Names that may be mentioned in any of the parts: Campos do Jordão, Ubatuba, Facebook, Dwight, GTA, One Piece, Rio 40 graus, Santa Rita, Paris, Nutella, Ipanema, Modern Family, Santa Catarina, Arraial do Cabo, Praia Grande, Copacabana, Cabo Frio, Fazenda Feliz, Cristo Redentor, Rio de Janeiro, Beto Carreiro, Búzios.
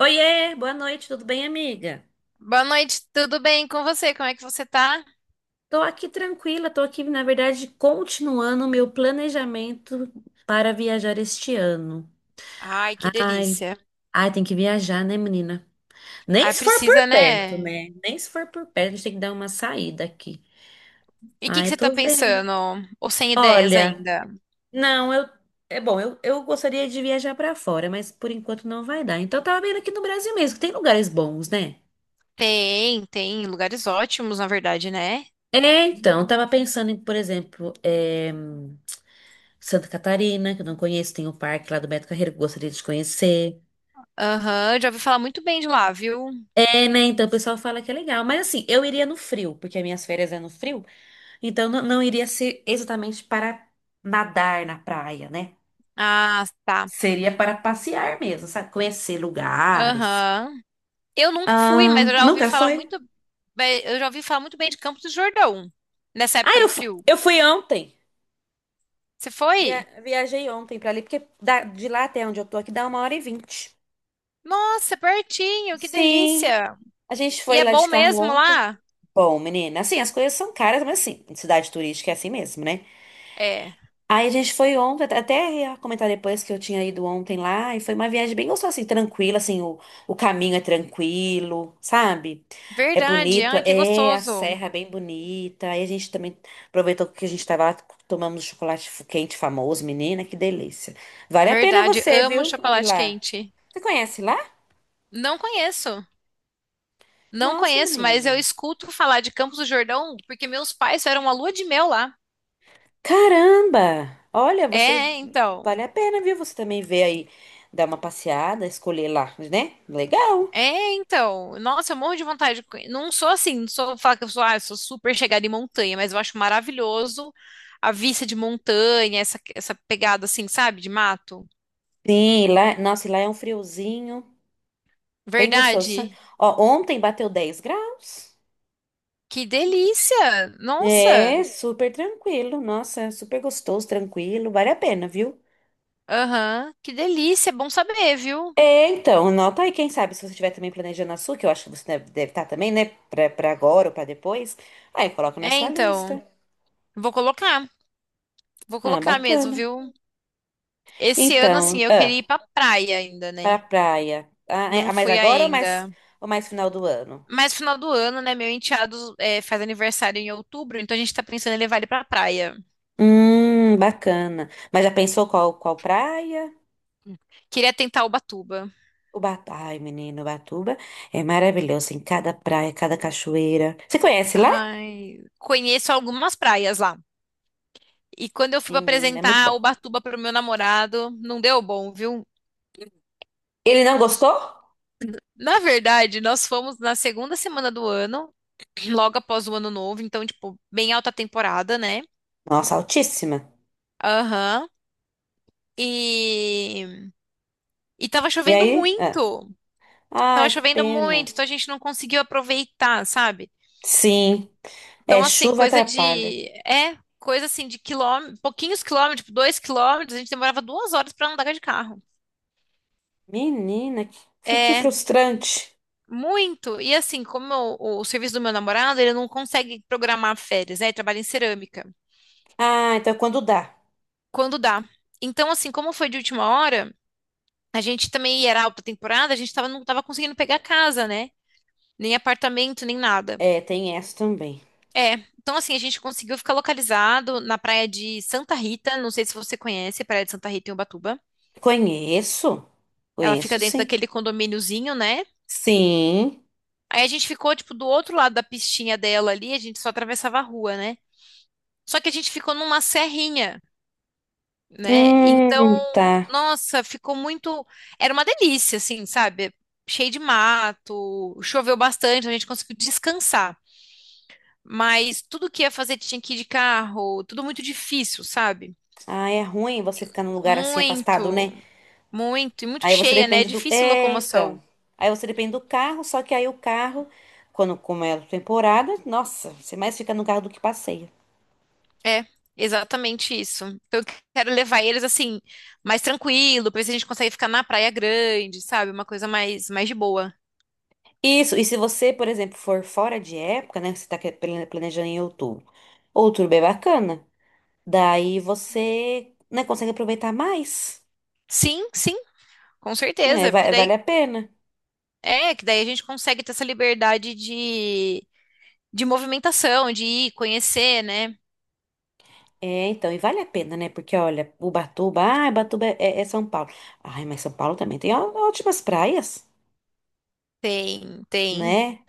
Oiê, boa noite, tudo bem, amiga? Boa noite, tudo bem com você? Como é que você tá? Tô aqui tranquila, tô aqui, na verdade, continuando o meu planejamento para viajar este ano. Ai, que Ai, delícia. ai, tem que viajar, né, menina? Nem Ai, se for precisa, por perto, né? né? Nem se for por perto, a gente tem que dar uma saída aqui. E o que Ai, que eu você tá tô vendo. pensando? Ou sem ideias Olha, ainda? não, eu. É bom, eu gostaria de viajar pra fora, mas por enquanto não vai dar. Então, eu tava vendo aqui no Brasil mesmo, que tem lugares bons, né? Tem, tem lugares ótimos, na verdade, né? É, então, eu tava pensando em, por exemplo, Santa Catarina, que eu não conheço, tem o parque lá do Beto Carreiro que eu gostaria de conhecer. Aham, já ouvi falar muito bem de lá, viu? É, né? Então o pessoal fala que é legal. Mas assim, eu iria no frio, porque as minhas férias é no frio, então não, não iria ser exatamente para nadar na praia, né? Ah, tá. Seria para passear mesmo, sabe? Conhecer lugares. Aham. Eu nunca fui, Ah, mas nunca foi? Eu já ouvi falar muito bem de Campos do Jordão, nessa Ah, época eu do fui, frio. eu fui ontem. Você foi? Viajei ontem para ali, porque de lá até onde eu tô aqui dá 1h20. Nossa, pertinho, que Sim, delícia. a gente E foi é lá bom de carro mesmo ontem. lá? Bom, menina, assim, as coisas são caras, mas assim, cidade turística é assim mesmo, né? É. Aí a gente foi ontem, até ia comentar depois que eu tinha ido ontem lá, e foi uma viagem bem gostosa, assim, tranquila, assim, o caminho é tranquilo, sabe? É Verdade, bonito, ai, que é a gostoso. serra é bem bonita. Aí a gente também aproveitou que a gente tava lá, tomamos chocolate quente famoso, menina, que delícia. Vale a pena Verdade, você, amo viu? Ir chocolate lá. quente. Você conhece lá? Não conheço, não Nossa, conheço, mas eu menina. escuto falar de Campos do Jordão porque meus pais fizeram uma lua de mel lá. Caramba! Olha, vocês É, então. vale a pena, viu? Você também vê aí, dar uma passeada, escolher lá, né? Legal. É, então. Nossa, eu morro de vontade de conhe-, não sou assim, não sou falar que eu sou, ah, eu sou super chegada em montanha, mas eu acho maravilhoso a vista de montanha, essa pegada assim, sabe, de mato. Sim, lá, nossa, e lá é um friozinho, bem gostoso. Sabe? Verdade. Ó, ontem bateu 10 graus. Que delícia! Nossa! É, super tranquilo. Nossa, super gostoso, tranquilo, vale a pena, viu? Aham, que delícia! É bom saber, viu? É, então, anota aí, quem sabe, se você estiver também planejando a sua, que eu acho que você deve estar também, né? Pra agora ou pra depois. Aí coloca na É, sua então, lista. vou colocar, vou Ah, colocar mesmo, bacana. viu? Esse ano, assim, Então, eu queria ah. ir pra praia ainda, Pra né? praia. Ah, é- Não ah, mas fui agora ainda. ou mais final do ano? Mas final do ano, né? Meu enteado é, faz aniversário em outubro, então a gente tá pensando em levar ele pra praia. Bacana. Mas já pensou qual praia? Queria tentar Ubatuba. Ubatuba. Ai, menino, Ubatuba é maravilhoso. Em cada praia, cada cachoeira. Você conhece lá? Ai, conheço algumas praias lá. E quando eu fui pra Menina, é muito apresentar bom. Ubatuba pro meu namorado, não deu bom, viu? Ele não gostou? Na verdade, nós fomos na segunda semana do ano, logo após o ano novo, então, tipo, bem alta temporada, né? Nossa, altíssima. Aham. E, e tava E chovendo aí? Ah. muito. Tava Ai, que chovendo pena. muito, então a gente não conseguiu aproveitar, sabe? Sim, Então, é assim, chuva coisa atrapalha. de. É, coisa assim de quilômetros, pouquinhos quilômetros, tipo, dois quilômetros, a gente demorava duas horas pra andar de carro. Menina, que É, frustrante. muito. E assim, como o serviço do meu namorado, ele não consegue programar férias, né? Ele trabalha em cerâmica. Ah, então quando dá. Quando dá. Então, assim, como foi de última hora, a gente também era alta temporada, não tava conseguindo pegar casa, né? Nem apartamento, nem nada. É, tem essa também. É, então assim, a gente conseguiu ficar localizado na praia de Santa Rita, não sei se você conhece a praia de Santa Rita em Ubatuba. Conheço, Ela fica conheço dentro sim. daquele condomíniozinho, né? Sim. Aí a gente ficou, tipo, do outro lado da pistinha dela ali, a gente só atravessava a rua, né? Só que a gente ficou numa serrinha, né? Então, Tá. nossa, ficou muito. Era uma delícia, assim, sabe? Cheio de mato, choveu bastante, então a gente conseguiu descansar. Mas tudo que ia fazer tinha que ir de carro, tudo muito difícil, sabe? Ah, é ruim você ficar num lugar assim afastado, Muito. né? Muito, e muito Aí você cheia, né? É depende do. difícil É, locomoção. então. Aí você depende do carro, só que aí o carro, quando como é a temporada, nossa, você mais fica no carro do que passeia. É, exatamente isso. Então, eu quero levar eles assim, mais tranquilo, pra ver se a gente consegue ficar na Praia Grande, sabe? Uma coisa mais, mais de boa. Isso, e se você, por exemplo, for fora de época, né? Você tá planejando em outubro. Outubro é bacana. Daí você, né, consegue aproveitar mais. Sim, com É, certeza. Porque daí, vale a pena. é, que daí a gente consegue ter essa liberdade de movimentação, de ir, conhecer, né? É, então, e vale a pena, né? Porque, olha, Ubatuba, ah, Ubatuba é, é- é São Paulo. Ai, mas São Paulo também tem ótimas praias, Tem, tem. né?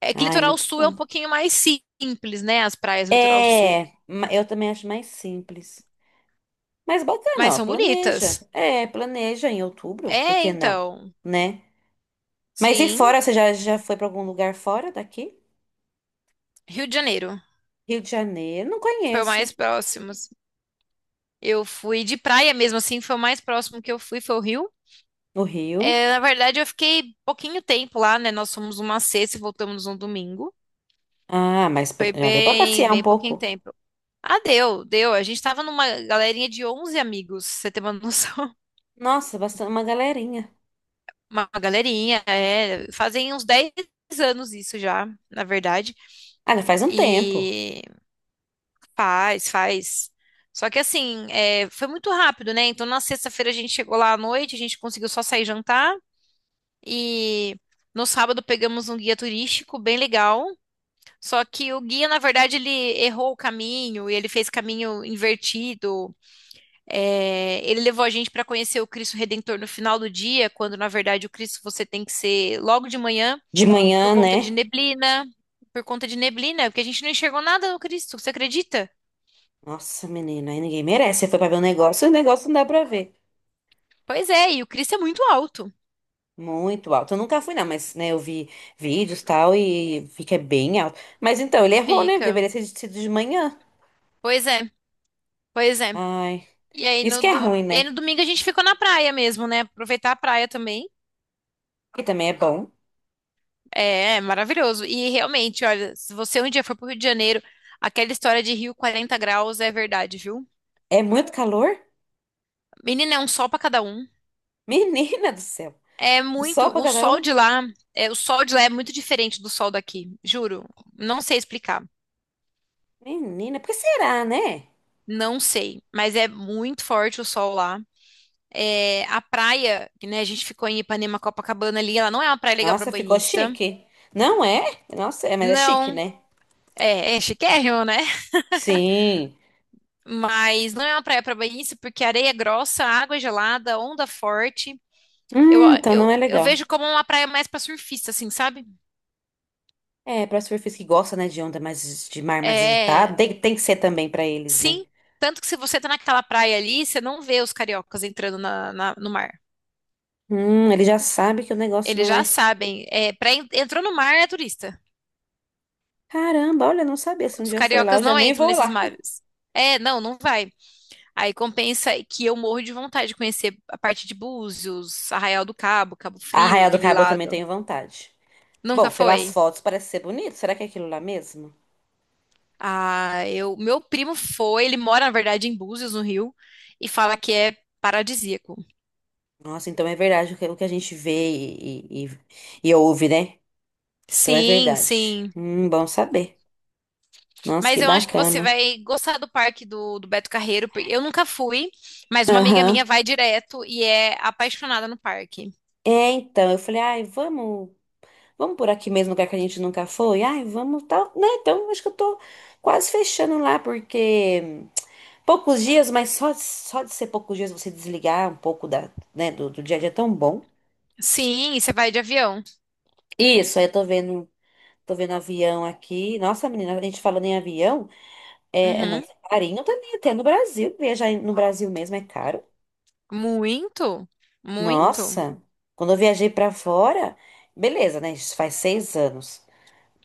É que Ai, litoral muito sul é um bom. pouquinho mais simples, né? As praias do litoral sul. É, eu também acho mais simples. Mas bacana, Mas ó, são planeja. bonitas. É, planeja em outubro, por É, que não? então. Né? Mas e Sim, fora, você já foi pra algum lugar fora daqui? Rio de Janeiro. Rio de Janeiro, não Foi o conheço. mais próximo, assim. Eu fui de praia mesmo, assim, foi o mais próximo que eu fui, foi o Rio. No Rio? É, na verdade, eu fiquei pouquinho tempo lá, né? Nós fomos uma sexta e voltamos um domingo. Ah, mas Foi já deu pra passear um bem pouquinho pouco. tempo. Ah, deu. A gente tava numa galerinha de 11 amigos, pra você tem uma noção? Nossa, bastante uma galerinha. Uma galerinha, é. Fazem uns 10 anos isso já, na verdade. Ah, já faz um tempo. E faz. Só que assim, é, foi muito rápido, né? Então na sexta-feira a gente chegou lá à noite, a gente conseguiu só sair jantar. E no sábado pegamos um guia turístico bem legal. Só que o guia, na verdade, ele errou o caminho e ele fez caminho invertido. É, ele levou a gente para conhecer o Cristo Redentor no final do dia, quando na verdade o Cristo você tem que ser logo de manhã De por manhã, conta de né? neblina, por conta de neblina, porque a gente não enxergou nada no Cristo, você acredita? Nossa, menina, aí ninguém merece. Você foi pra ver o negócio não dá pra ver. Pois é, e o Cristo é muito alto. Muito alto. Eu nunca fui, não, mas, né, eu vi vídeos e tal e vi que é bem alto. Mas então, ele errou, né? Fica. Deveria ter sido de manhã. Pois é, pois é. Ai, E aí isso no que é ruim, né? Domingo a gente ficou na praia mesmo, né? Aproveitar a praia também. E também é bom. É, é maravilhoso. E realmente, olha, se você um dia for pro Rio de Janeiro, aquela história de Rio 40 graus é verdade, viu? É muito calor? Menina, é um sol pra cada um. Menina do céu. É Um muito, sol pra o cada sol um. de lá, é, o sol de lá é muito diferente do sol daqui, juro. Não sei explicar. Menina, por que será, né? Não sei, mas é muito forte o sol lá. É, a praia, que né, a gente ficou em Ipanema, Copacabana ali, ela não é uma praia legal pra Nossa, ficou banhista. chique. Não é? Nossa, é, mas é chique, Não, né? é, é chiquérrimo, né? Sim. Mas não é uma praia para banhista porque a areia é grossa, a água é gelada, onda forte. Eu, Então não é eu legal. vejo como uma praia mais pra surfista, assim, sabe? É, para surfistas que gostam, né, de onda mais de mar mais agitado, É, tem que ser também pra eles, né? sim. Tanto que se você tá naquela praia ali, você não vê os cariocas entrando no mar. Ele já sabe que o negócio Eles não já é. sabem. É, pra entrou no mar é turista. Caramba, olha, não sabia. Se um Os dia eu for lá, cariocas eu já não nem entram vou nesses lá. mares. É, não vai. Aí compensa que eu morro de vontade de conhecer a parte de Búzios, Arraial do Cabo, Cabo A Frio, Arraial do aquele Cabo eu também lado. tenho vontade. Nunca Bom, pelas foi. fotos parece ser bonito. Será que é aquilo lá mesmo? Ah, eu, meu primo foi, ele mora, na verdade, em Búzios, no Rio, e fala que é paradisíaco. Nossa, então é verdade o que a gente vê e ouve, né? Então é Sim, verdade. sim. Bom saber. Nossa, Mas que eu acho que você bacana. vai gostar do parque do Beto Carreiro. Porque eu nunca fui, mas uma amiga minha Aham. vai direto e é apaixonada no parque. É, então, eu falei, ai, vamos. Vamos por aqui mesmo, lugar que a gente nunca foi? Ai, vamos, tal, né? Então, acho que eu tô quase fechando lá, porque poucos dias, mas só de ser poucos dias você desligar um pouco da, né, do dia a dia é tão bom. Sim, e você vai de avião. Isso, aí eu tô vendo avião aqui. Nossa, menina, a gente falando em avião, é Uhum. nosso carinho também, até no Brasil. Viajar no Brasil mesmo é caro. Muito, muito. Nossa, quando eu viajei pra fora, beleza, né? Isso faz 6 anos.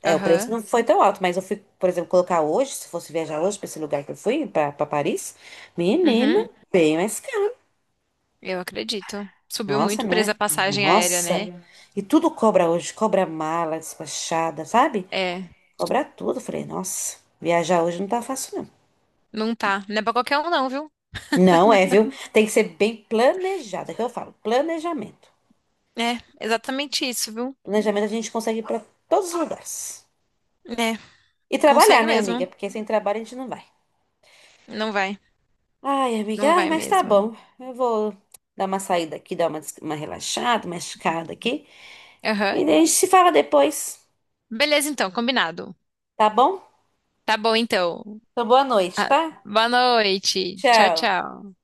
É, o preço Aham. não foi tão alto, mas eu fui, por exemplo, colocar hoje, se fosse viajar hoje para esse lugar que eu fui, para Paris, Uhum. menina, bem mais caro. Eu acredito. Subiu Nossa, muito não presa é? a passagem aérea, Nossa. né? E tudo cobra hoje, cobra mala despachada, sabe? É, Cobra tudo. Eu falei, nossa, viajar hoje não tá fácil, não. não tá. Não é pra qualquer um, não, viu? Não é, viu? Tem que ser bem planejada, que eu falo, planejamento. É, exatamente isso, viu? Planejamento a gente consegue ir para todos os lugares. É, E trabalhar, consegue né, amiga? mesmo. Porque sem trabalho a gente não vai. Não vai, Ai, amiga, não ai, vai mas tá mesmo. bom. Eu vou dar uma saída aqui, dar uma relaxada, uma esticada aqui. Aham. E daí a gente se fala depois, Beleza, então, combinado. tá bom? Tá bom, então. Então, boa noite, tá? Boa noite. Tchau, Tchau. tchau.